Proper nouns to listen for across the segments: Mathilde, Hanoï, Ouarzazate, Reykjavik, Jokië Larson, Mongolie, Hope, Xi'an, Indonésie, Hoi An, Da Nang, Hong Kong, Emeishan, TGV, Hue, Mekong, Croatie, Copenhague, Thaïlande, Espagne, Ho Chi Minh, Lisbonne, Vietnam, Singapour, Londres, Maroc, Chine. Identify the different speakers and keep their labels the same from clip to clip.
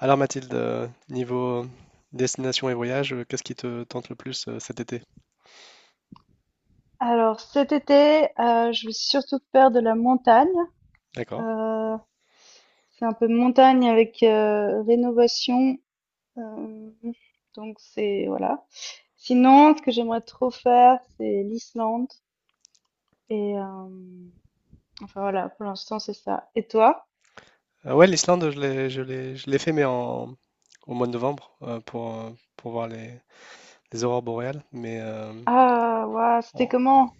Speaker 1: Alors Mathilde, niveau destination et voyage, qu'est-ce qui te tente le plus cet été?
Speaker 2: Alors cet été, je vais surtout faire de la montagne.
Speaker 1: D'accord.
Speaker 2: Euh, c'est un peu montagne avec rénovation. euh, donc c'est voilà. Sinon, ce que j'aimerais trop faire, c'est l'Islande. Et enfin voilà, pour l'instant c'est ça. Et toi?
Speaker 1: Ouais, l'Islande, je l'ai fait, mais au mois de novembre, pour voir les aurores boréales. Mais
Speaker 2: Ah, waouh, c'était
Speaker 1: en-
Speaker 2: comment?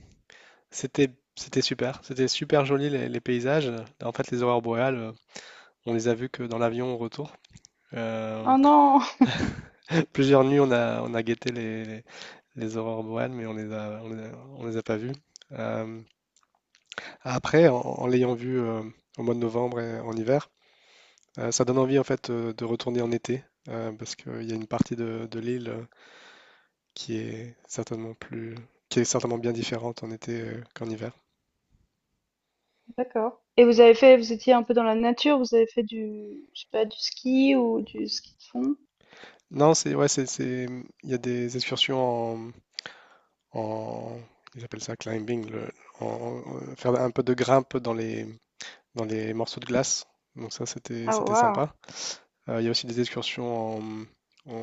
Speaker 1: c'était, c'était super. C'était super joli les paysages. En fait, les aurores boréales, on les a vues que dans l'avion au retour. Euh,
Speaker 2: Oh non.
Speaker 1: Plusieurs nuits, on a guetté les aurores boréales, mais on les a pas vues. Euh, Après, en l'ayant vu au mois de novembre et en hiver, ça donne envie en fait de retourner en été, parce qu'il y a une partie de l'île, qui est certainement plus, qui est certainement bien différente en été, qu'en hiver.
Speaker 2: D'accord. Et vous étiez un peu dans la nature, vous avez fait du, je sais pas, du ski ou du ski de fond?
Speaker 1: Non, c'est ouais, il y a des excursions en- ils appellent ça climbing, faire un peu de grimpe dans les morceaux de glace. Donc ça,
Speaker 2: Ah,
Speaker 1: c'était
Speaker 2: waouh.
Speaker 1: sympa. Il y a aussi des excursions en,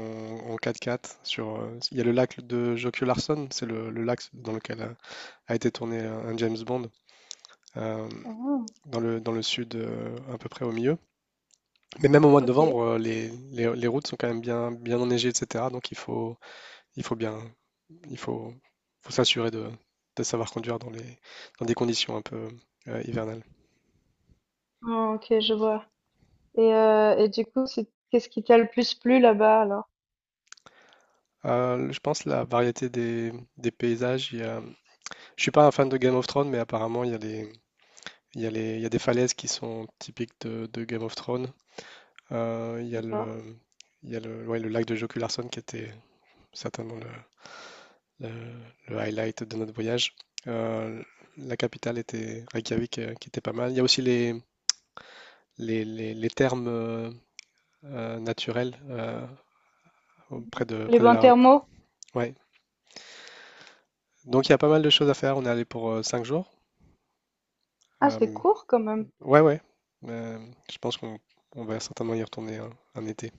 Speaker 1: en 4x4 sur. Il y a le lac de Jokië Larson, c'est le lac dans lequel a été tourné un James Bond, euh,
Speaker 2: Ah,
Speaker 1: dans dans le sud, à peu près au milieu. Mais même au mois de
Speaker 2: ok.
Speaker 1: novembre, les routes sont quand même bien enneigées, etc. Donc il faut bien, il faut, faut s'assurer de savoir conduire dans dans des conditions un peu hivernales.
Speaker 2: Ah, ok, je vois. Et du coup, c'est qu'est-ce qui t'a le plus plu là-bas alors?
Speaker 1: Je pense la variété des paysages. Je suis pas un fan de Game of Thrones, mais apparemment il y a des falaises qui sont typiques de Game of Thrones. Il y a le,
Speaker 2: D'accord.
Speaker 1: il y a le, ouais, le lac de Joku Larson qui était certainement le- le highlight de notre voyage. Euh, la capitale était Reykjavik, qui était pas mal. Il y a aussi les thermes naturels,
Speaker 2: Mmh. Les
Speaker 1: près de
Speaker 2: bains
Speaker 1: la Hope.
Speaker 2: thermaux?
Speaker 1: Ouais. Donc il y a pas mal de choses à faire. On est allé pour 5 jours.
Speaker 2: Ah, c'est
Speaker 1: Euh,
Speaker 2: court quand même.
Speaker 1: ouais, ouais. Euh, je pense qu'on on va certainement y retourner un été.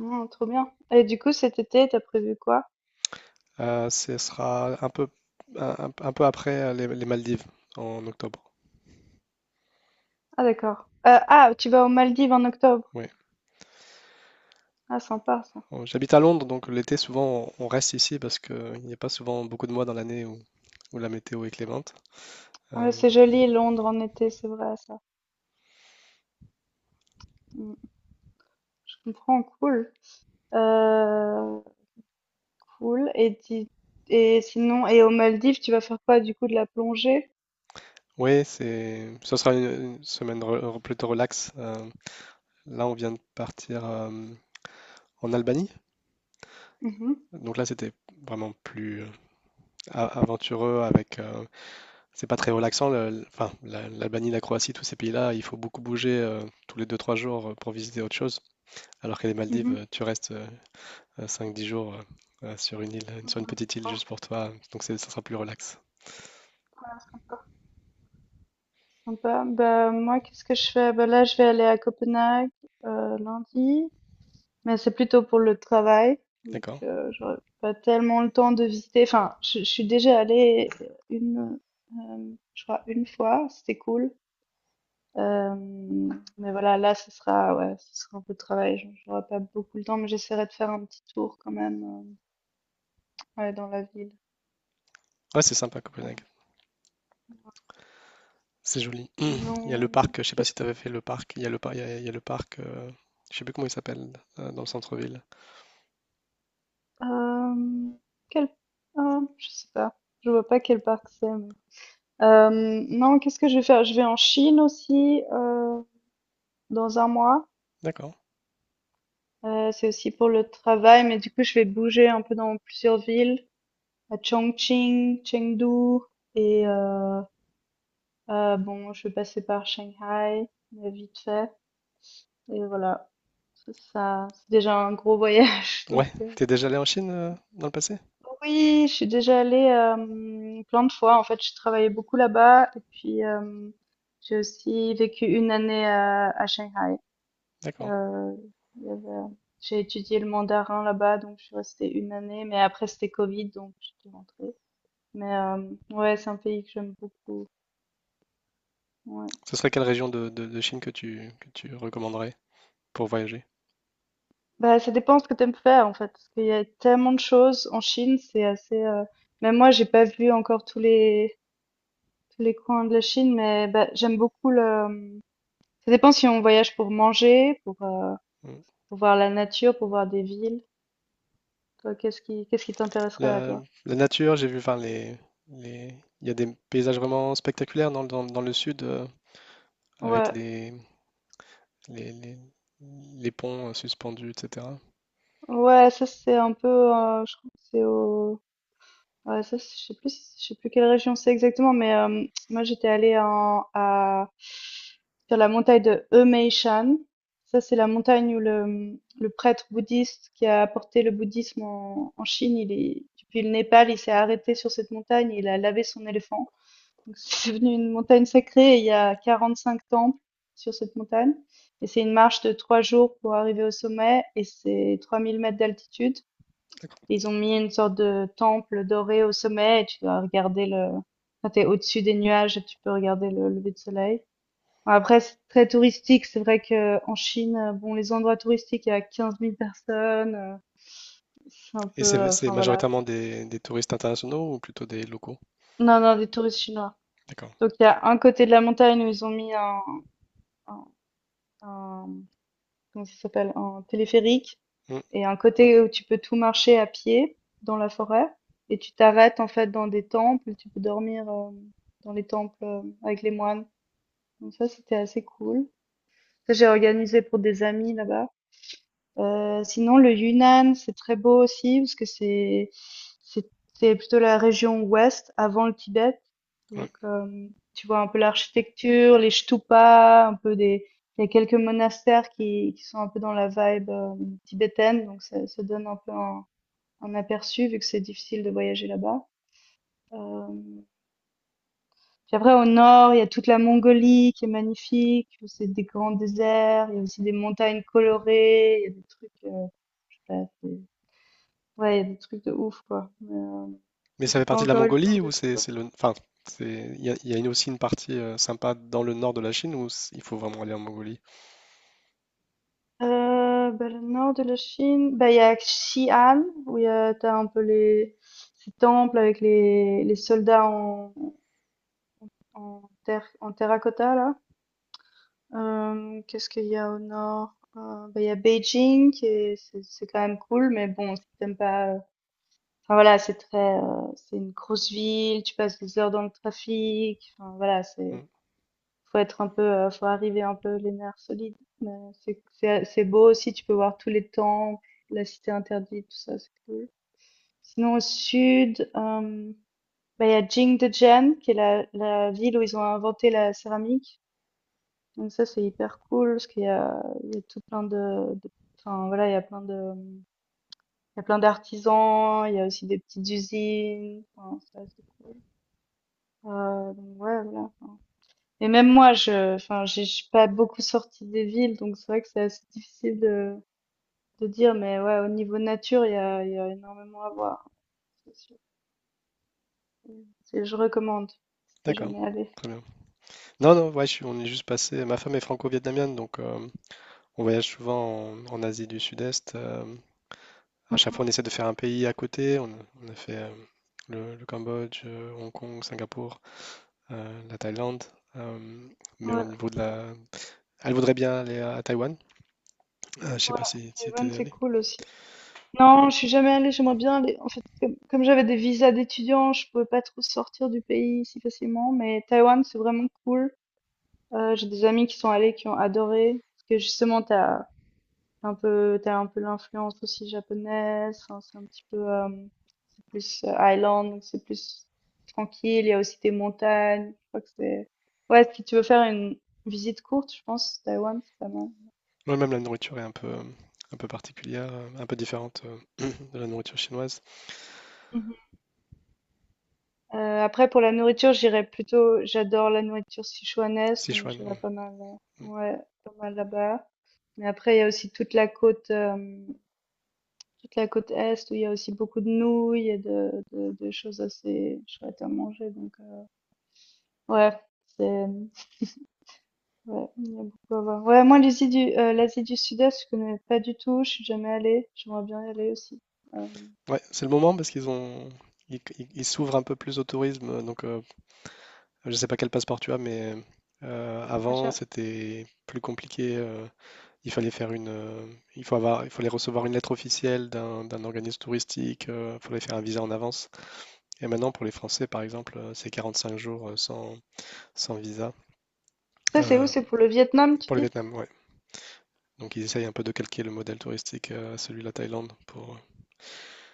Speaker 2: Mmh, trop bien. Et du coup, cet été, t'as prévu quoi?
Speaker 1: Ce sera un peu après les Maldives, en octobre.
Speaker 2: Ah, d'accord. Ah, tu vas aux Maldives en octobre?
Speaker 1: Oui.
Speaker 2: Ah, sympa ça.
Speaker 1: J'habite à Londres, donc l'été, souvent, on reste ici parce qu'il n'y a pas souvent beaucoup de mois dans l'année où la météo est clémente.
Speaker 2: Ouais,
Speaker 1: Euh,
Speaker 2: c'est joli Londres en été, c'est vrai ça. Mmh, je comprends, cool. Heu, cool, et sinon, aux Maldives, tu vas faire quoi du coup? De la plongée?
Speaker 1: oui, ce sera une semaine plutôt relax. Là, on vient de partir en Albanie.
Speaker 2: Mmh mh.
Speaker 1: Donc là, c'était vraiment plus aventureux c'est pas très relaxant. Enfin, l'Albanie, la Croatie, tous ces pays-là, il faut beaucoup bouger, tous les 2-3 jours, pour visiter autre chose. Alors que les Maldives,
Speaker 2: Mmh.
Speaker 1: tu restes 5-10 jours, sur une île, sur une petite île juste pour toi, donc ça sera plus relax.
Speaker 2: Sympa. Bah, moi, qu'est-ce que je fais? Bah, là, je vais aller à Copenhague lundi, mais c'est plutôt pour le travail. Donc,
Speaker 1: D'accord?
Speaker 2: j'aurai pas tellement le temps de visiter. Enfin, je suis déjà allée une, je crois, une fois. C'était cool. Euh, mais voilà, là, ce sera, ouais, ce sera un peu de travail. J'aurai pas beaucoup le temps, mais j'essaierai de faire un petit tour quand même, ouais, dans la ville.
Speaker 1: Ouais, c'est sympa
Speaker 2: Voilà.
Speaker 1: Copenhague. C'est joli. Il y a le
Speaker 2: Non,
Speaker 1: parc, je sais pas
Speaker 2: qu'est-ce
Speaker 1: si
Speaker 2: que,
Speaker 1: tu avais fait le parc, il y a le parc, je sais plus comment il s'appelle, dans le centre-ville.
Speaker 2: euh, quel, ah, je sais pas. Je vois pas quel parc c'est. Non, qu'est-ce que je vais faire? Je vais en Chine aussi, dans un mois.
Speaker 1: D'accord.
Speaker 2: C'est aussi pour le travail, mais du coup, je vais bouger un peu dans plusieurs villes, à Chongqing, Chengdu et bon, je vais passer par Shanghai, mais vite fait, et voilà. C'est ça, c'est déjà un gros voyage, donc
Speaker 1: Ouais, t'es déjà allé en Chine, dans le passé?
Speaker 2: oui, je suis déjà allée, plein de fois. En fait, je travaillais beaucoup là-bas et puis, j'ai aussi vécu une année à Shanghai.
Speaker 1: D'accord.
Speaker 2: Euh, il y avait- J'ai étudié le mandarin là-bas, donc je suis restée une année, mais après c'était Covid, donc je suis rentrée. Mais ouais, c'est un pays que j'aime beaucoup. Ouais.
Speaker 1: Ce serait quelle région de Chine que tu recommanderais pour voyager?
Speaker 2: Bah, ça dépend ce que t'aimes faire en fait, parce qu'il y a tellement de choses en Chine, c'est assez. Même moi, j'ai pas vu encore tous les coins de la Chine, mais bah, j'aime beaucoup le. Ça dépend si on voyage pour manger, pour euh,
Speaker 1: Hmm.
Speaker 2: pour voir la nature, pour voir des villes. Toi, qu'est-ce qui t'intéresserait à
Speaker 1: La,
Speaker 2: toi?
Speaker 1: la nature, j'ai vu, enfin, les... il y a des paysages vraiment spectaculaires dans le sud, avec
Speaker 2: Ouais.
Speaker 1: les, les- les ponts, suspendus, etc.
Speaker 2: Ouais, ça c'est un peu, je crois que c'est au, ouais, je sais plus quelle région c'est exactement, mais moi j'étais allée en, à, sur la montagne de Emeishan. Ça c'est la montagne où le prêtre bouddhiste qui a apporté le bouddhisme en Chine, il est, depuis le Népal, il s'est arrêté sur cette montagne, et il a lavé son éléphant. Donc c'est devenu une montagne sacrée, et il y a 45 temples sur cette montagne. Et c'est une marche de 3 jours pour arriver au sommet, et c'est 3 000 mètres d'altitude.
Speaker 1: D'accord.
Speaker 2: Ils ont mis une sorte de temple doré au sommet et tu dois regarder le, quand t'es au-dessus des nuages, et tu peux regarder le lever de soleil. Bon, après, c'est très touristique. C'est vrai que en Chine, bon, les endroits touristiques, il y a 15 000 personnes. C'est un
Speaker 1: Et
Speaker 2: peu,
Speaker 1: c'est
Speaker 2: enfin voilà.
Speaker 1: majoritairement des touristes internationaux ou plutôt des locaux?
Speaker 2: Non, non, des touristes chinois.
Speaker 1: D'accord.
Speaker 2: Donc il y a un côté de la montagne où ils ont mis un, un- comment ça s'appelle, un téléphérique.
Speaker 1: Mm,
Speaker 2: Et un côté où tu peux tout marcher à pied dans la forêt et tu t'arrêtes en fait dans des temples, tu peux dormir dans les temples avec les moines. Donc ça, c'était assez cool. Ça, j'ai organisé pour des amis là-bas. Sinon, le Yunnan, c'est très beau aussi parce que c'est c'est plutôt la région ouest avant le Tibet.
Speaker 1: ouais.
Speaker 2: Donc tu vois un peu l'architecture, les stupas, un peu des, il y a quelques monastères qui sont un peu dans la vibe tibétaine, donc ça donne un peu un, aperçu, vu que c'est difficile de voyager là-bas. Euh, Puis après, au nord, il y a toute la Mongolie qui est magnifique, où c'est des grands déserts. Il y a aussi des montagnes colorées. Il y a des trucs, je sais pas, ouais, il y a des trucs de ouf, quoi. Mais,
Speaker 1: Mais ça
Speaker 2: j'ai
Speaker 1: fait partie
Speaker 2: pas
Speaker 1: de la
Speaker 2: encore eu le temps
Speaker 1: Mongolie
Speaker 2: de
Speaker 1: ou
Speaker 2: tout voir.
Speaker 1: enfin, il y a aussi une partie sympa dans le nord de la Chine ou il faut vraiment aller en Mongolie?
Speaker 2: Bah, le nord de la Chine, bah, il y a Xi'an, où il y a, t'as un peu les, ces temples avec les soldats en terre, en terracotta, là. Qu'est-ce qu'il y a au nord? Bah, il y a Beijing, qui est, c'est quand même cool, mais bon, si t'aimes pas. Enfin voilà, c'est très, c'est une grosse ville, tu passes des heures dans le trafic. Enfin voilà, c'est,
Speaker 1: Mm.
Speaker 2: faut être un peu, faut arriver un peu les nerfs solides. Mais c'est beau aussi, tu peux voir tous les temples, la cité interdite, tout ça, c'est cool. Sinon au sud, bah, il y a Jingdezhen, qui est la ville où ils ont inventé la céramique. Donc ça, c'est hyper cool parce qu'il y a tout plein de, enfin voilà, il y a plein d'artisans, il y a aussi des petites usines. Enfin, c'est assez cool. Donc ouais, voilà. Enfin. Et même moi, enfin, je suis pas beaucoup sortie des villes, donc c'est vrai que c'est assez difficile de dire, mais ouais, au niveau nature, il y a énormément à voir. C'est sûr. Je recommande si t'es
Speaker 1: D'accord.
Speaker 2: jamais allé.
Speaker 1: Très bien. Non, non, ouais, on est juste passé. Ma femme est franco-vietnamienne, donc on voyage souvent en Asie du Sud-Est. À chaque fois, on essaie de faire un pays à côté. On a fait, le Cambodge, Hong Kong, Singapour, la Thaïlande, euh, mais au
Speaker 2: Ouais,
Speaker 1: niveau de la... elle voudrait bien aller à Taïwan. Je sais
Speaker 2: ouais,
Speaker 1: pas si
Speaker 2: Taïwan,
Speaker 1: t'es
Speaker 2: c'est
Speaker 1: allé.
Speaker 2: cool aussi. Non, je suis jamais allée, j'aimerais bien aller. En fait, comme j'avais des visas d'étudiants, je pouvais pas trop sortir du pays si facilement, mais Taïwan, c'est vraiment cool. J'ai des amis qui sont allés, qui ont adoré, parce que justement, t'as un peu l'influence aussi japonaise, hein, c'est un petit peu, c'est plus island, donc c'est plus tranquille, il y a aussi des montagnes, je crois que c'est... Ouais, si tu veux faire une visite courte, je pense, Taïwan, c'est pas mal.
Speaker 1: Moi, même la nourriture est un peu particulière, un peu différente, de la nourriture chinoise.
Speaker 2: Après, pour la nourriture, j'irais plutôt, j'adore la nourriture sichuanaise, donc
Speaker 1: Sichuan.
Speaker 2: j'irais
Speaker 1: Mm,
Speaker 2: pas mal,
Speaker 1: mm.
Speaker 2: ouais, pas mal là-bas. Mais après, il y a aussi toute la côte est où il y a aussi beaucoup de nouilles et de choses assez chouettes à manger. Donc, ouais, c'est, ouais, il y a beaucoup à voir. Ouais, moi, l'Asie du Sud-Est, je connais pas du tout, je suis jamais allée, j'aimerais bien y aller aussi. Euh,
Speaker 1: Ouais, c'est le moment, parce qu'ils ont... Ils- ils s'ouvrent un peu plus au tourisme. Donc, je sais pas quel passeport tu as, mais
Speaker 2: moi,
Speaker 1: avant,
Speaker 2: j'ai-
Speaker 1: c'était plus compliqué. Il fallait faire une, il faut avoir, Il fallait recevoir une lettre officielle d'un organisme touristique. Il fallait faire un visa en avance. Et maintenant, pour les Français, par exemple, c'est 45 jours, sans visa.
Speaker 2: Ça, c'est où?
Speaker 1: Euh,
Speaker 2: C'est pour le Vietnam, tu
Speaker 1: pour le
Speaker 2: dis?
Speaker 1: Vietnam, ouais. Donc ils essayent un peu de calquer le modèle touristique, à celui de la Thaïlande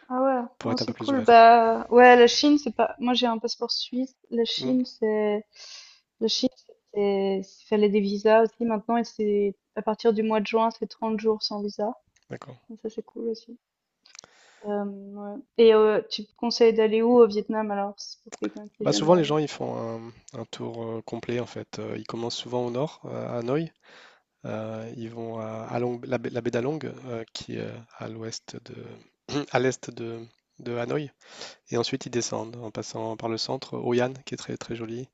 Speaker 2: Ah ouais,
Speaker 1: pour
Speaker 2: non,
Speaker 1: être un peu
Speaker 2: c'est
Speaker 1: plus
Speaker 2: cool.
Speaker 1: ouvert.
Speaker 2: Bah ouais, la Chine, c'est pas. Moi, j'ai un passeport suisse. La
Speaker 1: Hmm,
Speaker 2: Chine, c'est. La Chine, c'est. Il fallait des visas aussi maintenant, et c'est à partir du mois de juin, c'est 30 jours sans visa.
Speaker 1: d'accord.
Speaker 2: Donc ça, c'est cool aussi. Ouais. Et tu me conseilles d'aller où au Vietnam alors, c'est pour quelqu'un qui est
Speaker 1: Bah
Speaker 2: jamais
Speaker 1: souvent les
Speaker 2: allé.
Speaker 1: gens ils font un, un tour, complet en fait. Ils commencent souvent au nord, à Hanoï. Ils vont à baie la baie d'Along, qui est, à l'ouest de à l'est de Hanoï. Et ensuite ils descendent en passant par le centre, Hoi An qui est très très joli.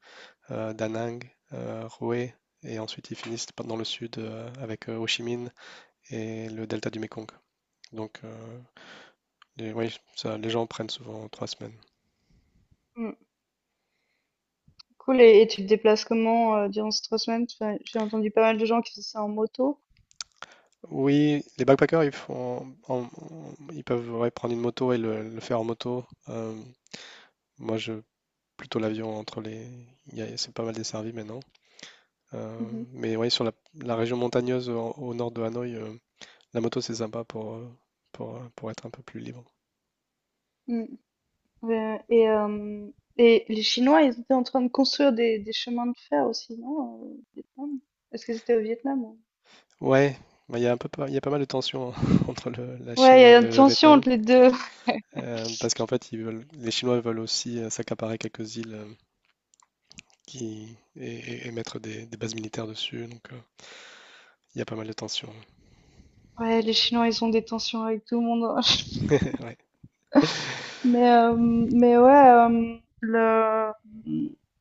Speaker 1: Da Nang, Hue, et ensuite ils finissent dans le sud, avec Ho Chi Minh et le delta du Mekong. Donc, oui, ça, les gens prennent souvent 3 semaines.
Speaker 2: Hmm. Cool. Et tu te déplaces comment durant ces 3 semaines? Enfin, j'ai entendu pas mal de gens qui faisaient ça en moto.
Speaker 1: Oui, les backpackers, ils font, ils peuvent, ouais, prendre une moto et le faire en moto. Moi, je plutôt l'avion entre les, c'est pas mal desservi maintenant. Mais oui, sur la région montagneuse au nord de Hanoï, la moto c'est sympa pour être un peu plus libre.
Speaker 2: Mhm. Ouais, et les Chinois, ils étaient en train de construire des chemins de fer aussi, non? Au Vietnam? Est-ce que c'était au Vietnam?
Speaker 1: Ouais, bah, il y a pas mal de tensions entre la
Speaker 2: Ouais,
Speaker 1: Chine
Speaker 2: il y
Speaker 1: et
Speaker 2: a une
Speaker 1: le
Speaker 2: tension
Speaker 1: Vietnam,
Speaker 2: entre les deux.
Speaker 1: parce qu'en fait, les Chinois veulent aussi, s'accaparer quelques îles, et mettre des bases militaires dessus, donc, il y a pas mal de tensions.
Speaker 2: Ouais, les Chinois, ils ont des tensions avec tout le monde, hein.
Speaker 1: Ouais.
Speaker 2: Mais ouais, le...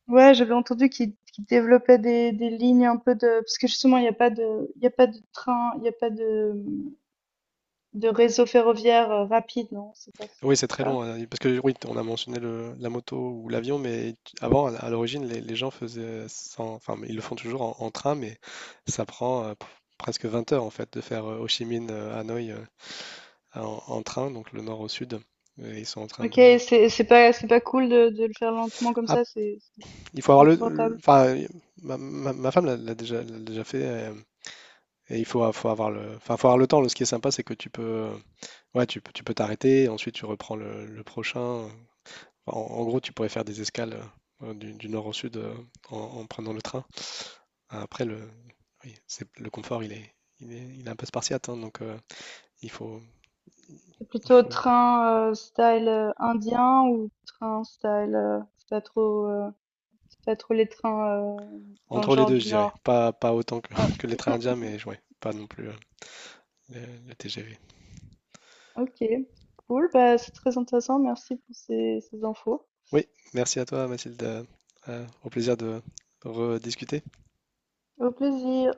Speaker 2: ouais, j'avais entendu qu'ils développaient des lignes un peu de... Parce que justement, il y a pas de train, il n'y a pas de réseau ferroviaire rapide, non? C'est pas
Speaker 1: Oui, c'est très long,
Speaker 2: ça?
Speaker 1: hein, parce que oui, on a mentionné la moto ou l'avion, mais avant, à l'origine, les gens faisaient sans, enfin, ils le font toujours en train, mais ça prend, presque 20 heures en fait de faire, Ho Chi Minh, Hanoï, en train, donc le nord au sud. Et ils sont en train
Speaker 2: OK,
Speaker 1: de.
Speaker 2: c'est pas cool de le faire lentement comme ça, c'est c'est
Speaker 1: Il faut
Speaker 2: c'est
Speaker 1: avoir
Speaker 2: pas
Speaker 1: le. Le-
Speaker 2: confortable.
Speaker 1: Enfin, ma femme l'a déjà fait. Et, faut avoir le, enfin, faut avoir le temps. Ce qui est sympa, c'est que tu peux, ouais, tu peux t'arrêter. Ensuite, tu reprends le prochain. Enfin, en gros, tu pourrais faire des escales, du nord au sud, en prenant le train. Après, oui, c'est le confort, il est un peu spartiate. Hein, donc, il faut,
Speaker 2: C'est
Speaker 1: il
Speaker 2: plutôt
Speaker 1: faut
Speaker 2: train, style, indien, ou train style, c'est pas trop les trains, dans le
Speaker 1: entre les
Speaker 2: genre
Speaker 1: deux,
Speaker 2: du
Speaker 1: je dirais.
Speaker 2: Nord?
Speaker 1: Pas autant que,
Speaker 2: Ah,
Speaker 1: que les trains indiens, mais ouais, pas non plus, le TGV.
Speaker 2: OK, cool, bah, c'est très intéressant, merci pour ces infos.
Speaker 1: Oui, merci à toi Mathilde. Au plaisir de rediscuter.
Speaker 2: Au plaisir.